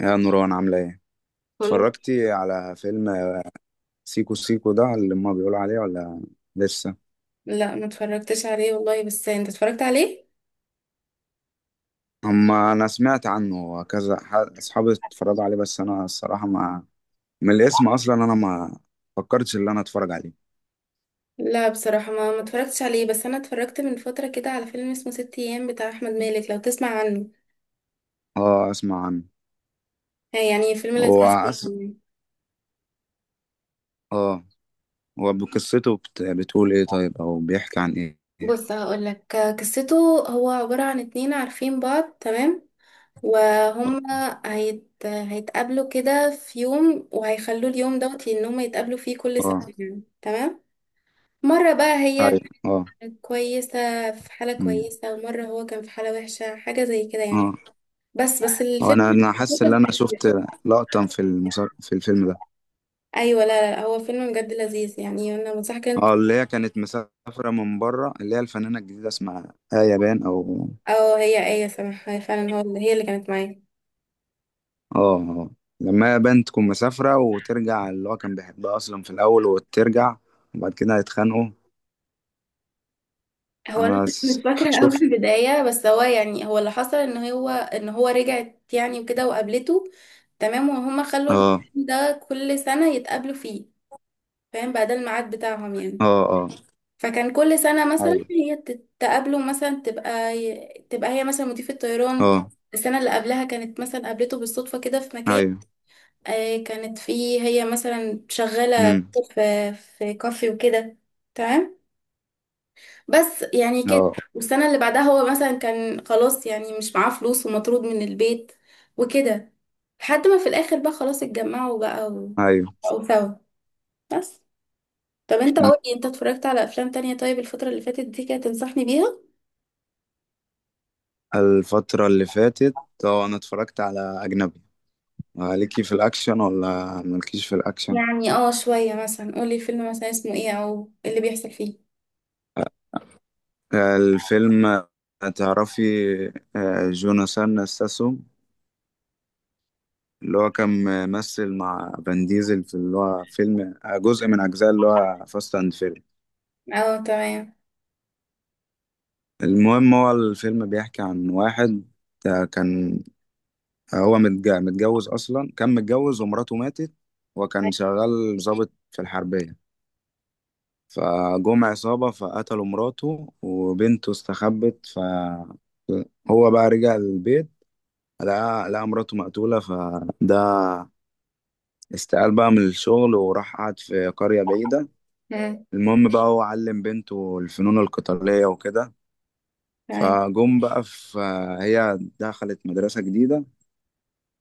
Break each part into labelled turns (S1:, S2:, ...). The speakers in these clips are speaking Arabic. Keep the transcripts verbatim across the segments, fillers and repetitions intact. S1: يا نوران عاملة ايه؟
S2: كله.
S1: اتفرجتي على فيلم سيكو سيكو ده اللي هما بيقولوا عليه ولا لسه؟
S2: لا، ما اتفرجتش عليه والله. بس انت اتفرجت عليه؟
S1: هما أنا سمعت عنه كذا، ح- أصحابي اتفرجوا عليه، بس أنا الصراحة ما من الاسم أصلا أنا ما فكرتش إن أنا أتفرج عليه.
S2: لا بصراحة ما ما اتفرجتش عليه، بس انا اتفرجت من فترة كده على فيلم اسمه ست ايام بتاع احمد مالك، لو تسمع عنه.
S1: اه، أسمع عنه.
S2: هي يعني فيلم
S1: هو
S2: لذيذ جداً
S1: أس...
S2: يعني.
S1: اه، هو بقصته بت... بتقول ايه طيب، أو بيحكي عن ايه؟
S2: بص هقولك قصته. هو عبارة عن اتنين عارفين بعض تمام، وهم
S1: اه.
S2: هيت... هيتقابلوا كده في يوم، وهيخلوا اليوم دوت ان هم يتقابلوا فيه كل سنة
S1: آه.
S2: يعني تمام. مرة بقى
S1: أيوه.
S2: هي
S1: اه.
S2: كانت كويسة في حالة
S1: أمم.
S2: كويسة، ومرة هو كان في حالة وحشة حاجة زي كده يعني.
S1: اه.
S2: بس بس
S1: هو أنا
S2: الفيلم
S1: أنا حاسس إن أنا شفت لقطة في المسل... في الفيلم ده.
S2: ايوه، لا لا هو فيلم بجد لذيذ يعني. انا مصح كانت
S1: اه، اللي هي كانت مسافرة من بره، اللي هي الفنانة الجديدة اسمها آية بان، او،
S2: اه، هي ايه سامح، هي فعلا هو، هي اللي كانت معايا.
S1: اه. آه. لما آية بان تكون مسافرة وترجع، اللي هو كان بيحبها اصلا في الاول، وترجع وبعد كده هيتخانقوا.
S2: هو انا
S1: انا س-
S2: مش فاكره قوي
S1: شفت.
S2: البدايه، بس هو يعني هو اللي حصل ان هو ان هو رجعت يعني وكده وقابلته. تمام، وهما خلوا
S1: اه.
S2: الفيلم ده كل سنه يتقابلوا فيه، فاهم؟ بقى ده الميعاد بتاعهم يعني.
S1: اه. اه.
S2: فكان كل سنه مثلا
S1: ايوه.
S2: هي تتقابلوا مثلا، تبقى تبقى هي مثلا مضيفه طيران.
S1: اه.
S2: السنه اللي قبلها كانت مثلا قابلته بالصدفه كده في مكان،
S1: ايوه.
S2: آه، كانت في، هي مثلا شغالة
S1: امم.
S2: في في كافي وكده، تمام، بس يعني كده.
S1: اه.
S2: والسنة اللي بعدها هو مثلا كان خلاص يعني مش معاه فلوس ومطرود من البيت وكده، لحد ما في الآخر بقى خلاص اتجمعوا بقى و-
S1: ايوه.
S2: وبقوا سوا. بس. طب انت
S1: أمم.
S2: قولي، انت اتفرجت على افلام تانية طيب الفترة اللي فاتت دي كده تنصحني بيها؟
S1: الفترة اللي فاتت، اه، انا اتفرجت على اجنبي. آه، ليكي في الاكشن ولا مالكيش في الاكشن؟
S2: يعني اه شوية، مثلا قولي الفيلم مثلا اسمه ايه او اللي بيحصل فيه.
S1: آه، الفيلم، آه، تعرفي، آه، جوناثان ستاثام، اللي هو كان ممثل مع فان ديزل في اللي هو فيلم جزء من أجزاء اللي هو فاست أند فيري.
S2: اه تمام.
S1: المهم، هو الفيلم بيحكي عن واحد ده كان هو متج- متجوز، أصلا كان متجوز ومراته ماتت، وكان شغال ضابط في الحربية. فجم عصابة فقتلوا مراته، وبنته استخبت، فهو بقى رجع البيت، لقى لقى مراته مقتولة، فده استقال بقى من الشغل وراح قعد في قرية بعيدة.
S2: مم،
S1: المهم بقى، هو علم بنته الفنون القتالية وكده.
S2: تمام.
S1: فجم بقى في، هي دخلت مدرسة جديدة،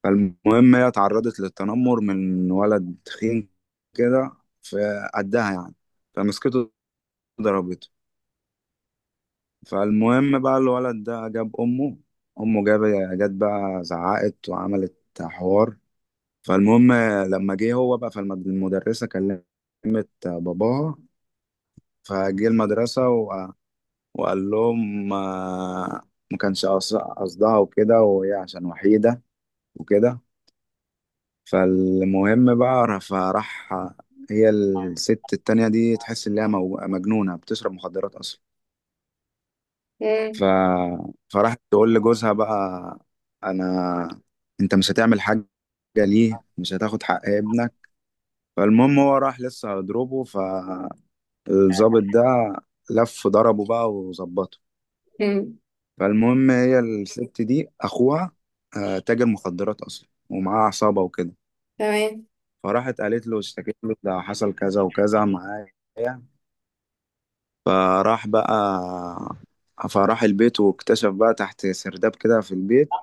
S1: فالمهم هي اتعرضت للتنمر من ولد تخين كده، في قدها يعني، فمسكته ضربته. فالمهم بقى الولد ده جاب أمه، أمه جاب جت بقى زعقت وعملت حوار. فالمهم لما جه هو بقى فالمدرسة، كلمت باباها، فجه المدرسة وقال لهم آه، ما كانش قص- قصدها وكده، وهي عشان وحيدة وكده. فالمهم بقى فراح، هي الست التانية دي تحس إن هي مو- مجنونة بتشرب مخدرات أصلا.
S2: مم،
S1: ف... فراحت تقول لجوزها بقى، أنا، أنت مش هتعمل حاجة؟ ليه مش هتاخد حق ابنك؟ فالمهم هو راح لسه هيضربه، فالظابط ده لف ضربه بقى وظبطه.
S2: مم،
S1: فالمهم هي الست دي اخوها آه، تاجر مخدرات اصلا ومعاه عصابه وكده،
S2: تمام.
S1: فراحت قالت له اشتكيت له، ده حصل كذا وكذا معايا. فراح بقى فراح البيت، واكتشف بقى تحت سرداب كده في البيت.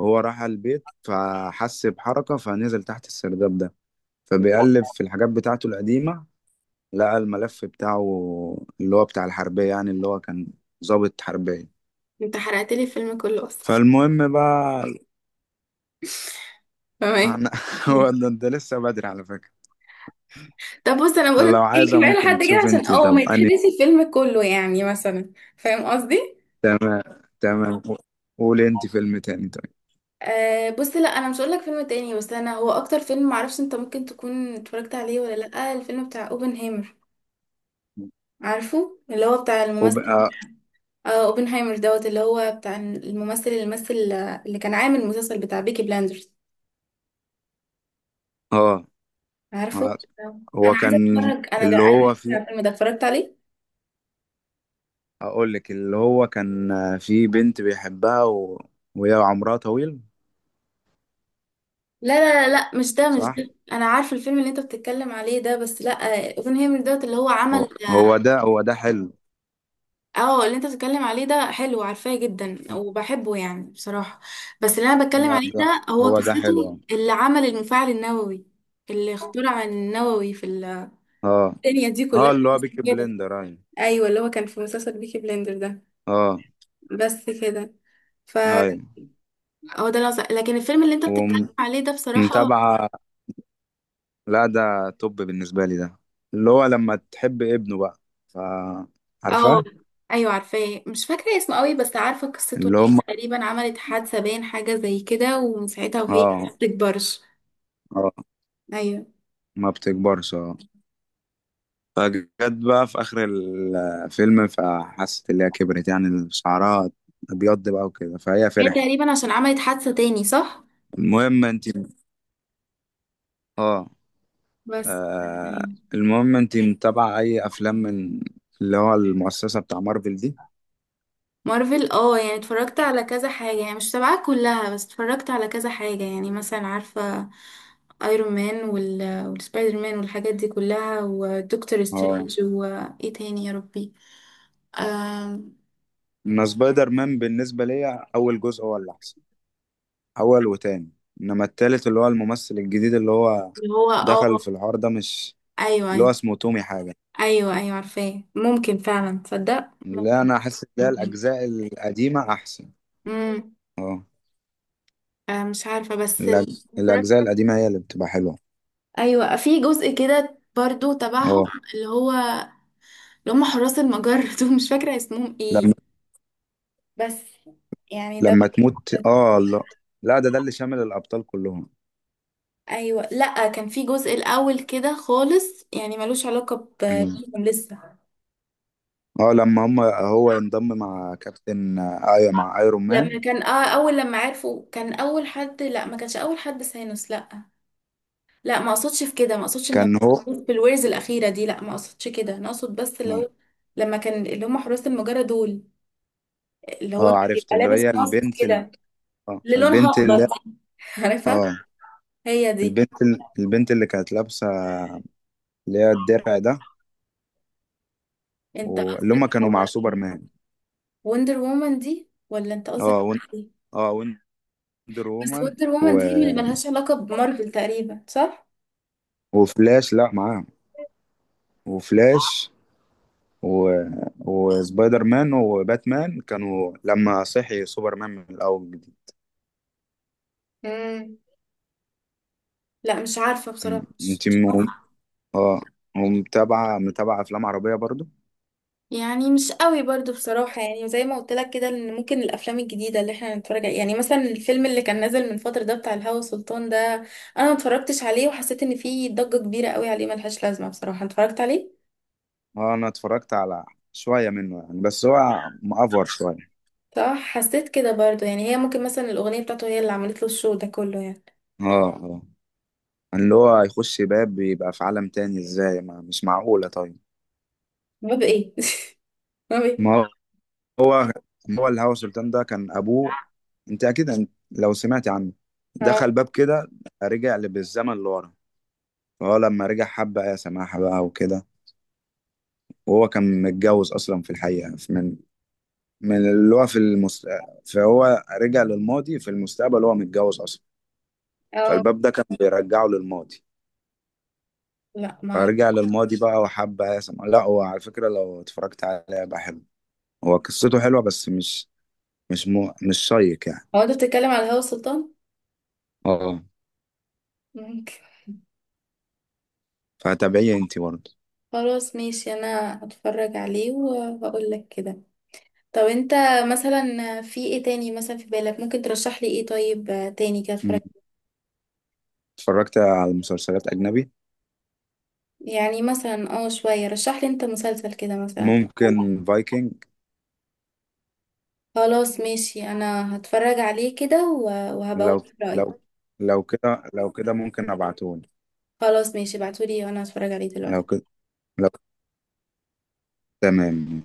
S1: هو راح على البيت فحس بحركة فنزل تحت السرداب ده، فبيقلب في الحاجات بتاعته القديمة، لقى الملف بتاعه، اللي هو بتاع الحربية، يعني اللي هو كان ضابط حربية.
S2: انت حرقت لي الفيلم كله اصلا.
S1: فالمهم بقى،
S2: تمام.
S1: أنا-
S2: مم.
S1: هو ده ده لسه بدري على فكرة.
S2: طب بص انا بقول لك
S1: لو
S2: ايه،
S1: عايزة
S2: كفايه
S1: ممكن
S2: لحد كده
S1: تشوف
S2: عشان
S1: انت،
S2: اه ما
S1: طب اني،
S2: يتحرقش الفيلم كله يعني، مثلا فاهم قصدي؟
S1: تمام، تمام. قولي انت فيلم تاني طيب.
S2: آه بص، لا انا مش هقول لك فيلم تاني، بس انا هو اكتر فيلم معرفش انت ممكن تكون اتفرجت عليه ولا لا، الفيلم بتاع اوبنهايمر. عارفه اللي هو بتاع الممثل؟
S1: وبقى.
S2: آه اوبنهايمر دوت اللي هو بتاع الممثل، اللي مثل اللي كان عامل المسلسل بتاع بيكي بلاندرز،
S1: اه. آه.
S2: عارفه؟
S1: آه.
S2: آه.
S1: هو
S2: انا
S1: كان،
S2: عايزه اتفرج، انا
S1: اللي
S2: جعانه
S1: هو
S2: على
S1: في،
S2: الفيلم ده، اتفرجت عليه؟
S1: اقول لك اللي هو كان في بنت بيحبها و... وهي عمرها طويل.
S2: لا لا لا لا، مش ده مش
S1: صح،
S2: ده، انا عارفه الفيلم اللي انت بتتكلم عليه ده، بس لا اوبنهيمر دوت اللي هو
S1: هو
S2: عمل
S1: هو
S2: اه.
S1: ده هو ده حلو
S2: آه، اللي انت بتتكلم عليه ده حلو، عارفاه جدا وبحبه يعني بصراحه، بس اللي انا بتكلم
S1: هو
S2: عليه
S1: ده
S2: ده هو
S1: هو ده حلو
S2: قصته
S1: اه.
S2: اللي عمل المفاعل النووي، اللي اخترع النووي في ال-
S1: اه.
S2: الدنيا دي
S1: آه،
S2: كلها
S1: اللي هو بيكي
S2: كده.
S1: بلندر، ايوه.
S2: ايوه اللي هو كان في مسلسل بيكي بلندر ده.
S1: اه.
S2: بس كده. فهو
S1: ايوه.
S2: ده العظ- لكن الفيلم اللي انت بتتكلم عليه ده بصراحه
S1: ومتابعة. لا ده توب بالنسبة لي ده، اللي هو لما تحب ابنه بقى، ف،
S2: اه.
S1: عارفاه.
S2: ايوه عارفاه، مش فاكره اسمه قوي، بس عارفه قصته ان
S1: اللي هم.
S2: هي تقريبا عملت حادثه، باين حاجه زي كده، ومن ساعتها وهي ما
S1: اه.
S2: بتكبرش.
S1: اه.
S2: ايوه،
S1: ما بتكبرش. اه، فجت بقى في آخر الفيلم فحست اللي هي كبرت، يعني شعرها أبيض بقى وكده، فهي
S2: هي
S1: فرحت.
S2: تقريبا عشان عملت حادثه تاني، صح.
S1: المهم انت. اه.
S2: بس
S1: آه.
S2: أيوة.
S1: المهم انت متابعة أي أفلام من اللي هو المؤسسة بتاع مارفل دي؟
S2: مارفل اه، يعني اتفرجت على كذا حاجه يعني، مش تبعها كلها، بس اتفرجت على كذا حاجه يعني. مثلا عارفه ايرون مان وال... والسبايدر مان والحاجات دي كلها، ودكتور
S1: اه،
S2: سترينج، وايه تاني يا ربي؟ آم،
S1: أنا سبايدر مان بالنسبة ليا أول جزء هو اللي أحسن، اول وتاني. انما التالت، اللي هو الممثل الجديد، اللي هو
S2: اللي هو
S1: دخل
S2: اه.
S1: في الحوار ده مش،
S2: ايوه
S1: اللي هو
S2: أيوه.
S1: اسمه تومي حاجة.
S2: ايوه ايوه عارفاه، ممكن فعلا تصدق،
S1: لا،
S2: ممكن.
S1: انا احس ان هي
S2: ممكن.
S1: الاجزاء القديمة احسن.
S2: امم.
S1: اه.
S2: آه مش عارفه بس
S1: الأج- الاجزاء القديمة هي اللي بتبقى حلوة.
S2: ايوه في جزء كده برضو تبعهم،
S1: اه.
S2: اللي هو اللي هم حراس المجر دول، مش فاكره اسمهم
S1: لما
S2: ايه، بس يعني ده
S1: لما تموت،
S2: بجد.
S1: اه، لا. لا ده ده اللي شامل الابطال كلهم.
S2: ايوه لا كان في جزء الاول كده خالص يعني ملوش علاقه ب-
S1: مم.
S2: بيهم لسه.
S1: اه، لما هم، هو انضم مع كابتن، ايوه، مع ايرون مان
S2: لما كان اه، اول لما عرفوا كان اول حد، لا ما كانش اول حد سانوس، لا. لا ما اقصدش في كده، ما اقصدش ان
S1: كان هو،
S2: هم بالويرز الاخيره دي، لا ما اقصدش كده، انا اقصد بس اللي
S1: اه.
S2: هو لما كان اللي هم حراس المجره دول، اللي هو
S1: آه،
S2: كان
S1: عرفت
S2: بيبقى
S1: اللي
S2: لابس
S1: هي
S2: ماسك
S1: البنت ال...
S2: كده،
S1: اه،
S2: اللي لونها
S1: البنت
S2: اخضر
S1: اللي،
S2: دي عارفه؟
S1: اه،
S2: هي دي.
S1: البنت ال... البنت اللي كانت لابسة اللي هي الدرع ده،
S2: انت
S1: واللي
S2: قصدك
S1: هما كانوا
S2: على
S1: مع سوبرمان.
S2: وندر وومن دي ولا انت
S1: اه،
S2: قصدك
S1: ون...
S2: على دي؟
S1: اه، وندر
S2: بس
S1: وومن،
S2: وندر
S1: و...
S2: وومن دي اللي ملهاش علاقه بمارفل تقريبا، صح؟
S1: وفلاش، لا معاهم، وفلاش، و... وسبايدر مان وباتمان كانوا لما صحي سوبرمان من الأول جديد.
S2: امم. لا مش عارفه
S1: م.
S2: بصراحه، مش
S1: انت
S2: مش
S1: م...
S2: عارفة.
S1: اه، ومتابعة متابعة أفلام عربية برضو؟
S2: يعني مش قوي برضو بصراحة، يعني زي ما قلت لك كده ان ممكن الافلام الجديدة اللي احنا نتفرج عليها، يعني مثلا الفيلم اللي كان نازل من فترة ده بتاع الهوى سلطان ده، انا ما اتفرجتش عليه وحسيت ان فيه ضجة كبيرة قوي عليه ملهاش لازمة بصراحة. أنت اتفرجت عليه؟
S1: اه، أنا اتفرجت على شوية منه يعني، بس هو مأفور شوية.
S2: صح، حسيت كده برضو يعني، هي ممكن مثلا الاغنية بتاعته هي اللي عملت له الشو ده كله يعني.
S1: اه. اه، اللي هو هيخش باب بيبقى في عالم تاني ازاي؟ ما مش معقولة طيب.
S2: باب ايه؟ باب ايه؟
S1: ما هو، هو الهوى سلطان ده كان ابوه، انت اكيد انت لو سمعت عنه،
S2: اه
S1: دخل باب كده رجع بالزمن لورا. فهو لما رجع حب ايه سماحة بقى وكده، وهو كان متجوز اصلا في الحقيقة، في- من من اللي هو في المست... فهو رجع للماضي في المستقبل وهو متجوز اصلا.
S2: اه.
S1: فالباب ده كان بيرجعه للماضي،
S2: لا ما
S1: فرجع للماضي بقى وحب ايه سماحة. لا هو على فكرة لو اتفرجت عليه بقى حلو، هو قصته حلوة، بس مش مش مو... مش شيق يعني.
S2: هو، انت بتتكلم على الهوى سلطان؟
S1: اه،
S2: ممكن.
S1: فتابعيه انت برضه.
S2: خلاص ماشي، انا هتفرج عليه وهقول لك كده. طب انت مثلا في ايه تاني مثلا في بالك ممكن ترشح لي ايه طيب آه، تاني كده اتفرج؟
S1: اتفرجت على مسلسلات أجنبي.
S2: يعني مثلا اه شوية، رشح لي انت مسلسل كده مثلا.
S1: ممكن فايكنج.
S2: خلاص ماشي، انا هتفرج عليه كده و- وهبقول
S1: لو
S2: رأيي.
S1: لو لو كده لو كده ممكن أبعتهولي.
S2: خلاص ماشي، ابعتولي وانا هتفرج عليه
S1: لو
S2: دلوقتي.
S1: كده، لو، تمام.